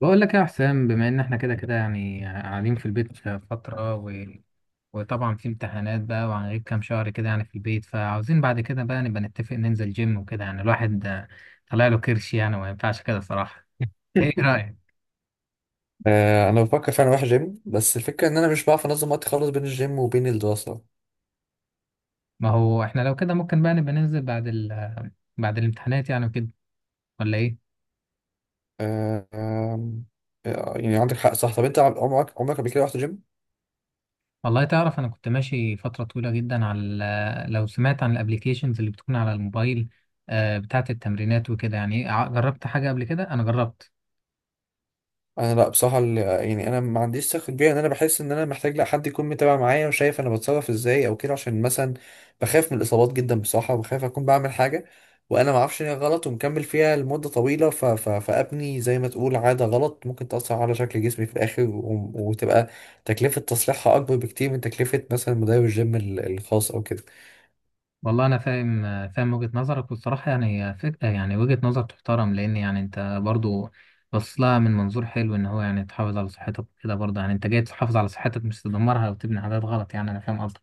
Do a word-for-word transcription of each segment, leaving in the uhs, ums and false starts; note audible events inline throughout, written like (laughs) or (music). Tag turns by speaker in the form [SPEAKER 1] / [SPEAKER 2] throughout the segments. [SPEAKER 1] بقول لك يا حسام، بما ان احنا كده كده يعني قاعدين في البيت فترة و... وطبعا في امتحانات بقى وهنغيب كام شهر كده يعني في البيت، فعاوزين بعد كده بقى نبقى نتفق ننزل جيم وكده. يعني الواحد آه، طلع له كرش يعني، وما ينفعش كده صراحة. ايه رأيك؟
[SPEAKER 2] آه، انا بفكر فعلا اروح جيم، بس الفكره ان انا مش بعرف انظم وقتي خالص بين الجيم وبين الدراسه.
[SPEAKER 1] ما هو احنا لو كده ممكن بقى نبقى ننزل بعد ال... بعد الامتحانات يعني وكده، ولا ايه؟
[SPEAKER 2] آه، آم، آه، يعني عندك حق، صح. طب انت عمرك عمرك قبل كده رحت جيم؟
[SPEAKER 1] والله تعرف، انا كنت ماشي فترة طويلة جدا على ال- لو سمعت عن الابليكيشنز اللي بتكون على الموبايل، آه، بتاعت التمرينات وكده يعني. إيه، ع- جربت حاجة قبل كده، انا جربت.
[SPEAKER 2] انا لا، بصراحه ال- يعني انا ما عنديش ثقه كبيره، ان انا بحس ان انا محتاج لا حد يكون متابع معايا وشايف انا بتصرف ازاي او كده، عشان مثلا بخاف من الاصابات جدا بصراحه، وبخاف اكون بعمل حاجه وانا ما اعرفش ان هي غلط، ومكمل فيها لمده طويله، ف... ف... فابني زي ما تقول عاده غلط ممكن تاثر على شكل جسمي في الاخر، و... وتبقى تكلفه تصليحها اكبر بكتير من تكلفه مثلا مدرب الجيم ال- الخاص او كده.
[SPEAKER 1] والله انا فاهم، فاهم وجهة نظرك، والصراحه يعني هي فكره، يعني وجهة نظر تحترم، لان يعني انت برضو بص لها من منظور حلو، ان هو يعني تحافظ على صحتك وكده. برضه يعني انت جاي تحافظ على صحتك مش تدمرها وتبني عادات غلط. يعني انا فاهم قصدك.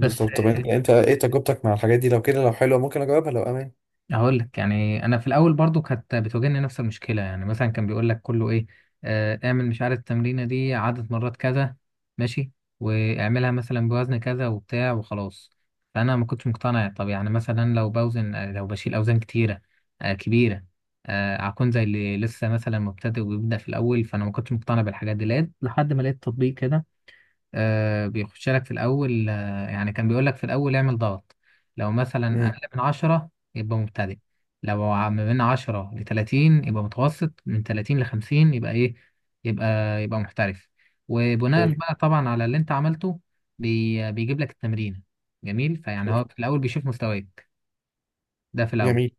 [SPEAKER 1] بس
[SPEAKER 2] طب انت انت ايه تجربتك مع الحاجات دي؟ لو كده، لو حلوه ممكن اجربها لو امان.
[SPEAKER 1] هقول لك يعني انا في الاول برضو كانت بتواجهني نفس المشكله. يعني مثلا كان بيقول لك كله ايه، آه، اعمل مش عارف التمرينه دي عدد مرات كذا، ماشي، واعملها مثلا بوزن كذا وبتاع وخلاص. فانا ما كنتش مقتنع. طب يعني مثلا لو بوزن، آه، لو بشيل اوزان كتيره آه، كبيره، آه، هكون زي اللي لسه مثلا مبتدئ وبيبدا في الاول. فانا ما كنتش مقتنع بالحاجات دي، لقيت لحد ما لقيت تطبيق كده آه، بيخش لك في الأول. آه، يعني كان بيقول لك في الأول اعمل ضغط، لو مثلا
[SPEAKER 2] امم.
[SPEAKER 1] أقل من عشرة يبقى مبتدئ، لو ع- ما بين عشرة لتلاتين يبقى متوسط، من تلاتين لخمسين يبقى إيه، يبقى يبقى محترف.
[SPEAKER 2] حلو.
[SPEAKER 1] وبناء بقى طبعا على اللي أنت عملته بي بيجيب لك التمرين. جميل. فيعني
[SPEAKER 2] حلو.
[SPEAKER 1] هو في الأول بيشوف مستواك، ده في الأول.
[SPEAKER 2] جميل.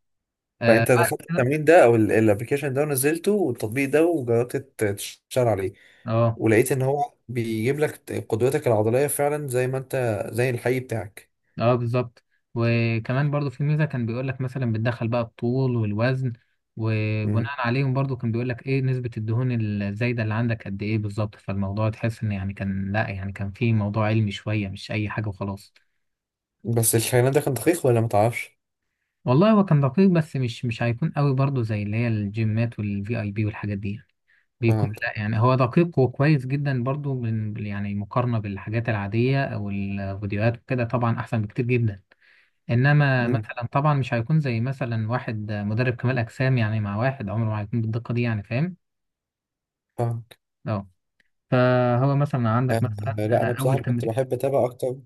[SPEAKER 1] آه
[SPEAKER 2] فانت
[SPEAKER 1] بعد
[SPEAKER 2] دخلت
[SPEAKER 1] كده-
[SPEAKER 2] التمرين ده او الابلكيشن ده، ونزلته والتطبيق ده، وجربت ت- تشتغل عليه،
[SPEAKER 1] اه،
[SPEAKER 2] ولقيت ان هو بيجيب لك ت- قدرتك العضليه فعلا زي ما انت، زي الحقيقي بتاعك؟
[SPEAKER 1] اه بالظبط. وكمان برضو في ميزة، كان بيقول لك مثلا بتدخل بقى الطول والوزن،
[SPEAKER 2] مم.
[SPEAKER 1] وبناء عليهم برضو كان بيقول لك ايه نسبة الدهون الزايدة اللي عندك قد ايه بالظبط. فالموضوع تحس ان يعني كان، لا يعني كان في موضوع علمي شوية، مش اي حاجة وخلاص.
[SPEAKER 2] بس الكلام ده كان دقيق ولا ما تعرفش؟
[SPEAKER 1] والله هو كان دقيق، بس مش مش هيكون قوي برضو زي اللي هي الجيمات والفي اي بي والحاجات دي يعني. بيكون
[SPEAKER 2] فهمت.
[SPEAKER 1] لا يعني هو دقيق وكويس جدا برضو من يعني، مقارنة بالحاجات العادية او الفيديوهات وكده، طبعا احسن بكتير جدا. انما
[SPEAKER 2] امم.
[SPEAKER 1] مثلا طبعا مش هيكون زي مثلا واحد مدرب كمال اجسام يعني، مع واحد عمره ما هيكون بالدقه دي يعني، فاهم.
[SPEAKER 2] فهمت.
[SPEAKER 1] اه. فهو مثلا
[SPEAKER 2] آه،
[SPEAKER 1] عندك مثلا
[SPEAKER 2] لا
[SPEAKER 1] انا
[SPEAKER 2] انا بصراحه
[SPEAKER 1] اول
[SPEAKER 2] كنت
[SPEAKER 1] تمرين.
[SPEAKER 2] بحب اتابع اكتر،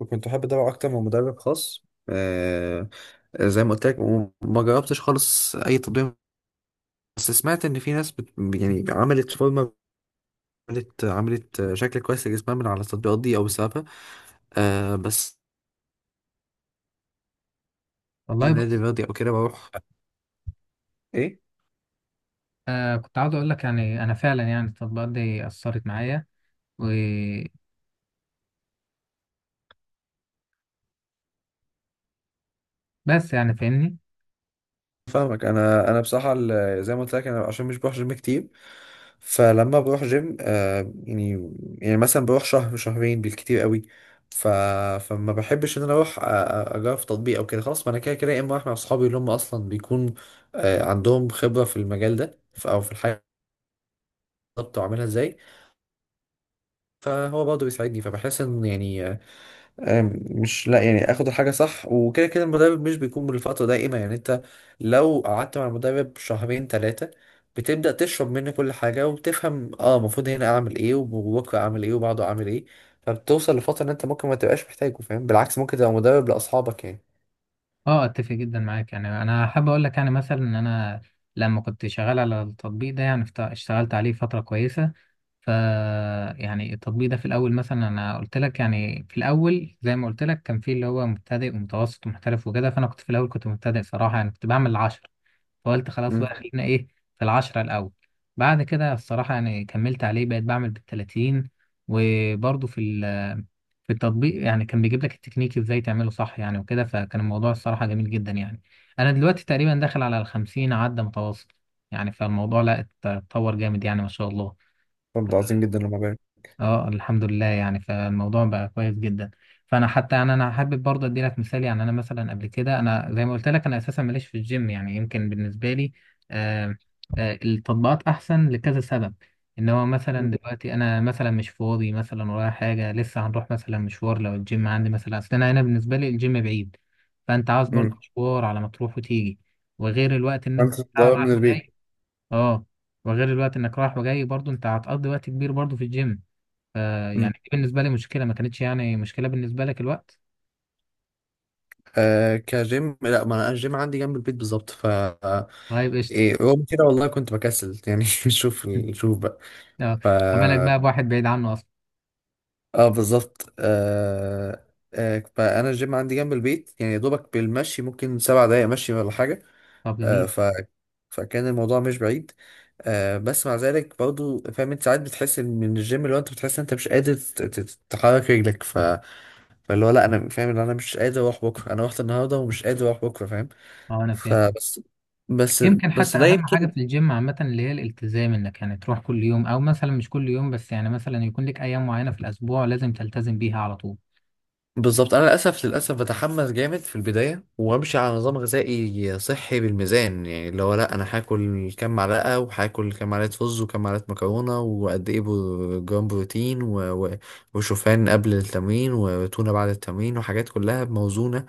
[SPEAKER 2] وكنت بحب اتابع اكتر من مدرب خاص، آه، زي ما قلت لك، وما جربتش خالص اي تطبيق. بس سمعت ان في ناس بت... يعني عملت فورمه، عملت عملت شكل كويس لجسمها من على التطبيقات دي او بسببها. آه، بس في
[SPEAKER 1] والله
[SPEAKER 2] نادي
[SPEAKER 1] بص،
[SPEAKER 2] رياضي او كده بروح. ايه؟
[SPEAKER 1] آه كنت عاوز اقول لك يعني انا فعلا يعني التطبيقات دي اثرت معايا وبس، يعني فاهمني.
[SPEAKER 2] فاهمك. انا انا بصراحه ال- زي ما قلت لك، انا عشان مش بروح جيم كتير، فلما بروح جيم آه يعني، يعني مثلا بروح شهر شهرين بالكتير قوي، ف... فما بحبش ان انا اروح، أ- أ- اجرب في تطبيق او كده. خلاص، ما انا كده كده يا اما اروح مع اصحابي، اللي هم اصلا بيكون آه عندهم خبره في المجال ده، ف... او في الحاجه بالظبط واعملها ازاي، فهو برضه بيساعدني، فبحس ان يعني آه، آم، مش، لا يعني اخد الحاجه صح. وكده كده المدرب مش بيكون بالفتره دائمه، يعني انت لو قعدت مع المدرب شهرين ثلاثه، بتبدا تشرب منه كل حاجه، وبتفهم اه المفروض هنا اعمل ايه وبكره اعمل ايه وبعده اعمل ايه. فبتوصل لفتره ان انت ممكن ما تبقاش محتاجه، فاهم؟ بالعكس، ممكن تبقى مدرب لاصحابك يعني.
[SPEAKER 1] اه اتفق جدا معاك، يعني انا حابب اقول لك يعني مثلا ان انا لما كنت شغال على التطبيق ده يعني اشت- اشتغلت عليه فتره كويسه. ف يعني التطبيق ده في الاول مثلا انا قلت لك، يعني في الاول زي ما قلت لك كان في اللي هو مبتدئ ومتوسط ومحترف وكده، فانا كنت في الاول كنت مبتدئ صراحه. يعني كنت بعمل العشرة، فقلت خلاص
[SPEAKER 2] امم.
[SPEAKER 1] بقى خلينا ايه في العشرة الاول. بعد كده الصراحه يعني كملت عليه بقيت بعمل بالتلاتين. وبرضه في ال- في التطبيق يعني كان بيجيب لك التكنيك ازاي تعمله صح يعني وكده. فكان الموضوع الصراحه جميل جدا يعني. انا دلوقتي تقريبا داخل على الخمسين، عدى متوسط يعني. فالموضوع لا اتطور جامد يعني، ما شاء الله.
[SPEAKER 2] طب ده عظيم جدا لما بقى.
[SPEAKER 1] اه الحمد لله، يعني فالموضوع بقى كويس جدا. فانا حتى يعني انا حابب برضه ادي لك مثال. يعني انا مثلا قبل كده انا زي ما قلت لك انا اساسا ماليش في الجيم، يعني يمكن بالنسبه لي آه آه التطبيقات احسن لكذا سبب. ان هو مثلا دلوقتي انا مثلا مش فاضي، مثلا ورايا حاجه لسه هنروح مثلا مشوار، لو الجيم عندي مثلا، اصل انا هنا بالنسبه لي الجيم بعيد. فانت عاوز برضه
[SPEAKER 2] امم.
[SPEAKER 1] مشوار على ما تروح وتيجي، وغير الوقت ان انت
[SPEAKER 2] انت مدرب من
[SPEAKER 1] رايح
[SPEAKER 2] البيت.
[SPEAKER 1] وجاي. اه. وغير الوقت انك رايح وجاي، برضه انت هتقضي وقت كبير برضه في الجيم.
[SPEAKER 2] امم.
[SPEAKER 1] فيعني دي بالنسبة لي مشكلة، ما كانتش يعني مشكلة بالنسبة لك الوقت.
[SPEAKER 2] آه، كجيم لا، ما انا الجيم عندي جنب البيت بالظبط، ف آه،
[SPEAKER 1] طيب قشطة.
[SPEAKER 2] إيه رغم كده والله كنت بكسل يعني (laughs) شوف.
[SPEAKER 1] (laughs)
[SPEAKER 2] شوف بقى.
[SPEAKER 1] اه،
[SPEAKER 2] ف
[SPEAKER 1] ما بالك بقى بواحد بعيد عنه أصلا.
[SPEAKER 2] اه بالظبط. آه... آه... فانا الجيم عندي جنب البيت، يعني يا دوبك بالمشي ممكن سبع دقايق مشي ولا حاجه.
[SPEAKER 1] طب
[SPEAKER 2] آه...
[SPEAKER 1] جميل.
[SPEAKER 2] ف... فكان الموضوع مش بعيد. آه، بس مع ذلك برضو، فاهم انت، ساعات بتحس إن من الجيم اللي هو انت بتحس إن انت مش قادر ت- ت- تحرك رجلك، ف... فاللي هو لا، انا فاهم ان انا مش قادر اروح بكره، انا رحت النهارده ومش قادر اروح بكره، فاهم؟
[SPEAKER 1] اه أنا فاهم.
[SPEAKER 2] فبس. بس.
[SPEAKER 1] يمكن حتى
[SPEAKER 2] بس ده
[SPEAKER 1] أهم
[SPEAKER 2] يمكن.
[SPEAKER 1] حاجة في الجيم عامة اللي هي الالتزام، إنك يعني تروح كل يوم، أو مثلا مش كل يوم، بس يعني مثلا يكون لك أيام معينة في الأسبوع لازم تلتزم بيها على طول.
[SPEAKER 2] بالظبط، انا للاسف، للاسف بتحمس جامد في البدايه وامشي على نظام غذائي صحي بالميزان، يعني اللي هو لا انا هاكل كام معلقه، وهاكل كام معلقه رز وكام معلقه مكرونه، وقد ايه بر- جرام بروتين، و... و... وشوفان قبل التمرين وتونه بعد التمرين، وحاجات كلها موزونه،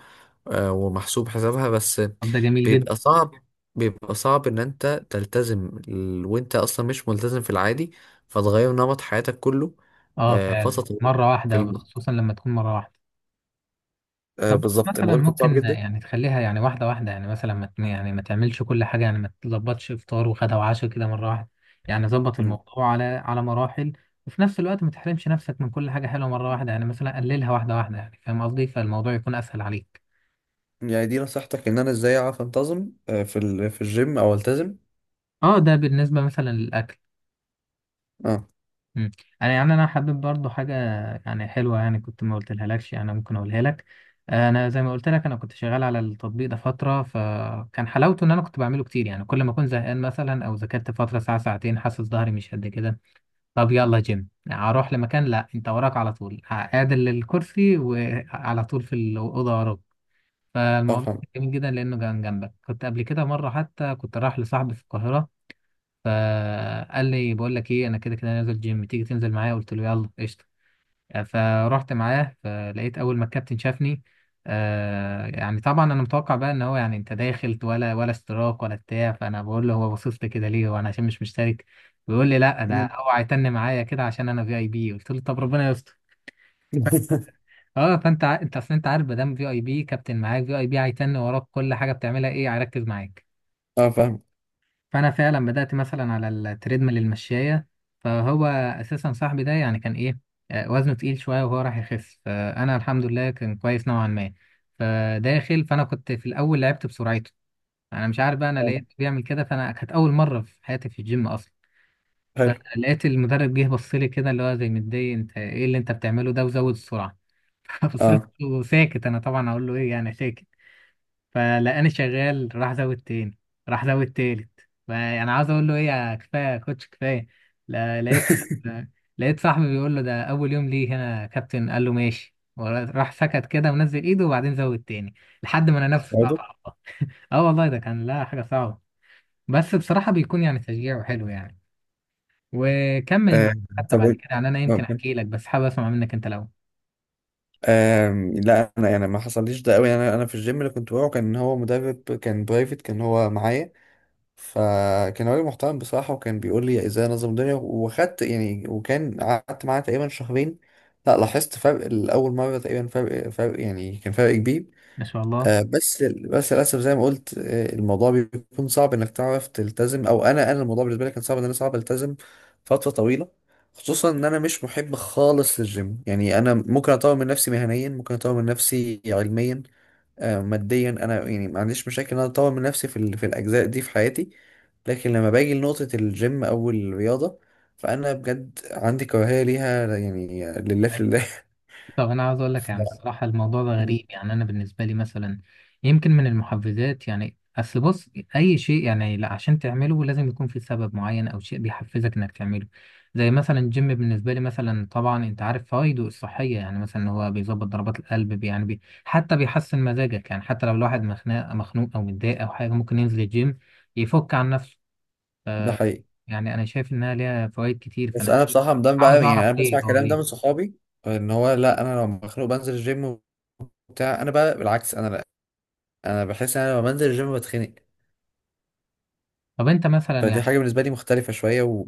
[SPEAKER 2] آه، ومحسوب حسابها. بس
[SPEAKER 1] طب ده جميل جدا.
[SPEAKER 2] بيبقى صعب، بيبقى صعب ان انت تلتزم ال- وانت اصلا مش ملتزم في العادي، فتغير نمط حياتك كله،
[SPEAKER 1] اه
[SPEAKER 2] آه، فتره
[SPEAKER 1] فعلا
[SPEAKER 2] طويله
[SPEAKER 1] مرة
[SPEAKER 2] في
[SPEAKER 1] واحدة،
[SPEAKER 2] الم...
[SPEAKER 1] خصوصا لما تكون مرة واحدة.
[SPEAKER 2] آه،
[SPEAKER 1] طب
[SPEAKER 2] بالظبط
[SPEAKER 1] مثلا
[SPEAKER 2] الموضوع بيكون صعب
[SPEAKER 1] ممكن
[SPEAKER 2] جدا.
[SPEAKER 1] يعني تخليها يعني واحدة واحدة، يعني مثلا ما ت- يعني ما تعملش كل حاجة، يعني ما تلخبطش إفطار وغدا وعشاء كده مرة واحدة. يعني ظبط
[SPEAKER 2] مم.
[SPEAKER 1] الموضوع على على مراحل، وفي نفس الوقت ما تحرمش نفسك من كل حاجة حلوة مرة واحدة. يعني مثلا قللها واحدة واحدة يعني، فاهم قصدي؟ فالموضوع يكون أسهل عليك.
[SPEAKER 2] يعني دي نصيحتك ان انا ازاي اعرف انتظم آه، في ال... في الجيم، او التزم؟
[SPEAKER 1] اه ده بالنسبة مثلا للأكل.
[SPEAKER 2] اه.
[SPEAKER 1] مم. انا يعني انا حابب برضو حاجه يعني حلوه، يعني كنت ما قلتلها لكش، انا ممكن اقولها لك. انا زي ما قلت لك انا كنت شغال على التطبيق ده فتره، فكان حلاوته ان انا كنت بعمله كتير. يعني كل ما اكون زهقان مثلا او ذاكرت فتره ساعه ساعتين حاسس ظهري مش قد كده، طب يلا جيم. اروح لمكان لا، انت وراك على طول، عادل الكرسي وعلى طول في الاوضه وراك.
[SPEAKER 2] اه
[SPEAKER 1] فالموضوع
[SPEAKER 2] فاهم.
[SPEAKER 1] كان جميل جدا لانه كان جنبك. كنت قبل كده مره حتى كنت رايح لصاحبي في القاهره، فقال لي بقول لك ايه، انا كده كده نازل جيم، تيجي تنزل معايا؟ قلت له يلا قشطه. فرحت معاه، فلقيت اول ما الكابتن شافني آه يعني طبعا انا متوقع بقى ان هو يعني انت داخل ولا ولا اشتراك ولا بتاع. فانا بقول له هو باصص لي كده ليه، وانا عشان مش مشترك. بيقول لي لا ده
[SPEAKER 2] مم.
[SPEAKER 1] هو هيتن معايا كده عشان انا في اي بي. قلت له طب ربنا يستر.
[SPEAKER 2] (laughs)
[SPEAKER 1] اه فانت ع- انت اصل انت عارف ما دام في اي بي كابتن معاك في اي بي هيتن وراك كل حاجه بتعملها ايه، هيركز معاك.
[SPEAKER 2] اه فاهم.
[SPEAKER 1] فانا فعلا بدات مثلا على التريدميل المشايه. فهو اساسا صاحبي ده يعني كان ايه، آه، وزنه تقيل شويه وهو راح يخس. فانا الحمد لله كان كويس نوعا ما. فداخل فانا كنت في الاول لعبت بسرعته، انا مش عارف بقى انا
[SPEAKER 2] فاهم.
[SPEAKER 1] لقيت بيعمل كده. فانا كانت اول مره في حياتي في الجيم اصلا.
[SPEAKER 2] حلو.
[SPEAKER 1] فلقيت المدرب جه بص لي كده اللي هو زي متضايق، انت ايه اللي انت بتعمله ده، وزود السرعه. (laughs) فبصيت
[SPEAKER 2] اه.
[SPEAKER 1] وساكت، انا طبعا اقول له ايه يعني، ساكت. فلقاني شغال راح زود تاني، راح زود تالت، فانا عاوز اقول له ايه، يا كفايه يا كوتش كفايه. لا- لقيت
[SPEAKER 2] (laughs)
[SPEAKER 1] لقيت صاحبي بيقول له ده اول يوم ليه هنا يا كابتن. قال له ماشي، وراح سكت كده ونزل ايده، وبعدين زود تاني لحد ما انا نفسي
[SPEAKER 2] برضه.
[SPEAKER 1] اتقطع. اه والله ده كان لا حاجه صعبه، بس بصراحه بيكون يعني تشجيع وحلو يعني، وكمل
[SPEAKER 2] آه،
[SPEAKER 1] مع، حتى
[SPEAKER 2] طب
[SPEAKER 1] بعد
[SPEAKER 2] إيه؟
[SPEAKER 1] كده يعني انا يمكن
[SPEAKER 2] ممكن.
[SPEAKER 1] احكي لك، بس حابب اسمع منك انت الاول.
[SPEAKER 2] آم، لا انا يعني ما حصليش ده قوي. انا انا في الجيم اللي كنت بروحه كان هو مدرب، كان برايفت، كان هو معايا، فكان راجل محترم بصراحه، وكان بيقول لي ازاي انظم الدنيا، وخدت يعني، وكان قعدت معاه تقريبا شهرين، لا لاحظت فرق، الاول مره تقريبا فرق فرق يعني، كان فرق كبير.
[SPEAKER 1] ما شاء الله.
[SPEAKER 2] آه، بس بس للاسف زي ما قلت، آه، الموضوع بيكون صعب انك تعرف تلتزم، او انا انا الموضوع بالنسبه لي كان صعب، ان انا صعب التزم فتره طويله، خصوصا ان انا مش محب خالص للجيم. يعني انا ممكن اطور من نفسي مهنيا، ممكن اطور من نفسي علميا، آه، ماديا، انا يعني ما عنديش مشاكل ان انا اطور من نفسي في ال- في الاجزاء دي في حياتي، لكن لما باجي لنقطه الجيم او الرياضه، فانا بجد عندي كراهيه ليها يعني، لله في الله.
[SPEAKER 1] طب انا عاوز اقول
[SPEAKER 2] (laughs)
[SPEAKER 1] لك يعني
[SPEAKER 2] ف-
[SPEAKER 1] الصراحه الموضوع ده غريب. يعني انا بالنسبه لي مثلا يمكن من المحفزات، يعني اصل بص، اي شيء يعني لا عشان تعمله لازم يكون في سبب معين او شيء بيحفزك انك تعمله. زي مثلا الجيم بالنسبه لي مثلا، طبعا انت عارف فوائده الصحيه، يعني مثلا هو بيظبط ضربات القلب بي- يعني بي حتى بيحسن مزاجك. يعني حتى لو الواحد مخنوق مخنوق او متضايق او حاجه ممكن ينزل الجيم يفك عن نفسه.
[SPEAKER 2] ده حقيقي.
[SPEAKER 1] يعني انا شايف انها ليها فوائد كتير.
[SPEAKER 2] بس
[SPEAKER 1] فانا
[SPEAKER 2] انا بصراحه ده
[SPEAKER 1] عاوز
[SPEAKER 2] بقى، يعني
[SPEAKER 1] اعرف
[SPEAKER 2] انا
[SPEAKER 1] ليه،
[SPEAKER 2] بسمع
[SPEAKER 1] اه
[SPEAKER 2] الكلام ده
[SPEAKER 1] ليه.
[SPEAKER 2] من صحابي، ان هو لا انا لو مخنوق بنزل الجيم وبتاع. انا بقى بالعكس، انا لا، انا بحس ان انا لما بنزل الجيم بتخنق.
[SPEAKER 1] طب انت مثلا
[SPEAKER 2] فدي
[SPEAKER 1] يعني،
[SPEAKER 2] حاجه بالنسبه لي مختلفه شويه. و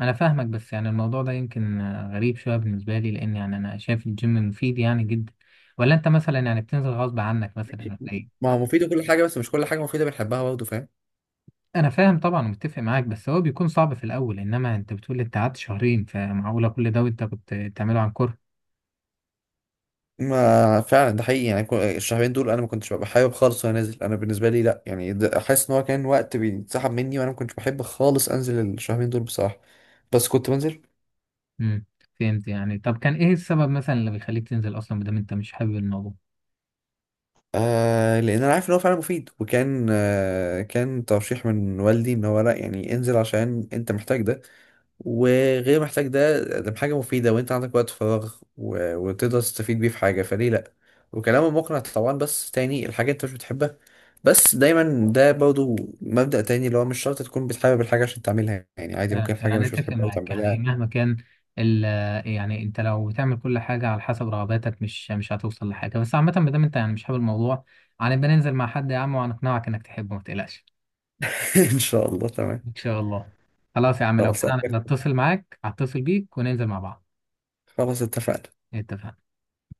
[SPEAKER 1] انا فاهمك بس يعني الموضوع ده يمكن آه، غريب شويه بالنسبه لي، لان يعني انا شايف الجيم مفيد يعني جدا. ولا انت مثلا يعني بتنزل غصب عنك مثلا ولا ايه؟
[SPEAKER 2] ما هو مفيده كل حاجه، بس مش كل حاجه مفيده بنحبها، برضه فاهم.
[SPEAKER 1] انا فاهم طبعا ومتفق معاك، بس هو بيكون صعب في الاول. انما انت بتقول انت قعدت شهرين، فمعقوله كل ده وانت كنت بتعمله عن كره؟
[SPEAKER 2] ما فعلا ده حقيقي، يعني كو- الشهرين دول انا ما كنتش ببقى حابب خالص وانا نازل. انا بالنسبه لي لا يعني ده- احس ان هو كان وقت بيتسحب مني، وانا ما كنتش بحب خالص انزل الشهرين دول بصراحه، بس كنت بنزل.
[SPEAKER 1] امم. فهمت، يعني طب كان ايه السبب مثلا اللي بيخليك تنزل اصلا بدل انت مش حابب الموضوع.
[SPEAKER 2] آه، لان انا عارف ان هو فعلا مفيد، وكان آه كان ترشيح من والدي، ان هو لا يعني انزل عشان انت محتاج ده، وغير محتاج ده، ده حاجه مفيده، وانت عندك وقت فراغ، و- وتقدر تستفيد بيه في حاجه، فليه لا؟ وكلامه مقنع طبعا، بس تاني الحاجه انت مش بتحبها، بس دايما ده برضو مبدأ تاني، اللي هو مش شرط تكون بتحب الحاجه عشان تعملها، يعني عادي
[SPEAKER 1] فعلا
[SPEAKER 2] ممكن حاجه
[SPEAKER 1] فعلا
[SPEAKER 2] مش
[SPEAKER 1] اتفق
[SPEAKER 2] بتحبها
[SPEAKER 1] معاك، يعني
[SPEAKER 2] وتعملها.
[SPEAKER 1] مهما كان ال يعني انت لو بتعمل كل حاجه على حسب رغباتك، مش مش هتوصل لحاجه. بس عامه ما دام انت يعني مش حابب الموضوع، هنبقى ننزل مع حد يا عم وهنقنعك انك تحبه، ما تقلقش.
[SPEAKER 2] (laughs) ان شاء الله، تمام.
[SPEAKER 1] ان شاء الله. خلاص يا عم لو
[SPEAKER 2] خلاص.
[SPEAKER 1] كده انا هتصل معاك هتصل بيك وننزل مع بعض.
[SPEAKER 2] خلاص اتفقنا.
[SPEAKER 1] اتفقنا.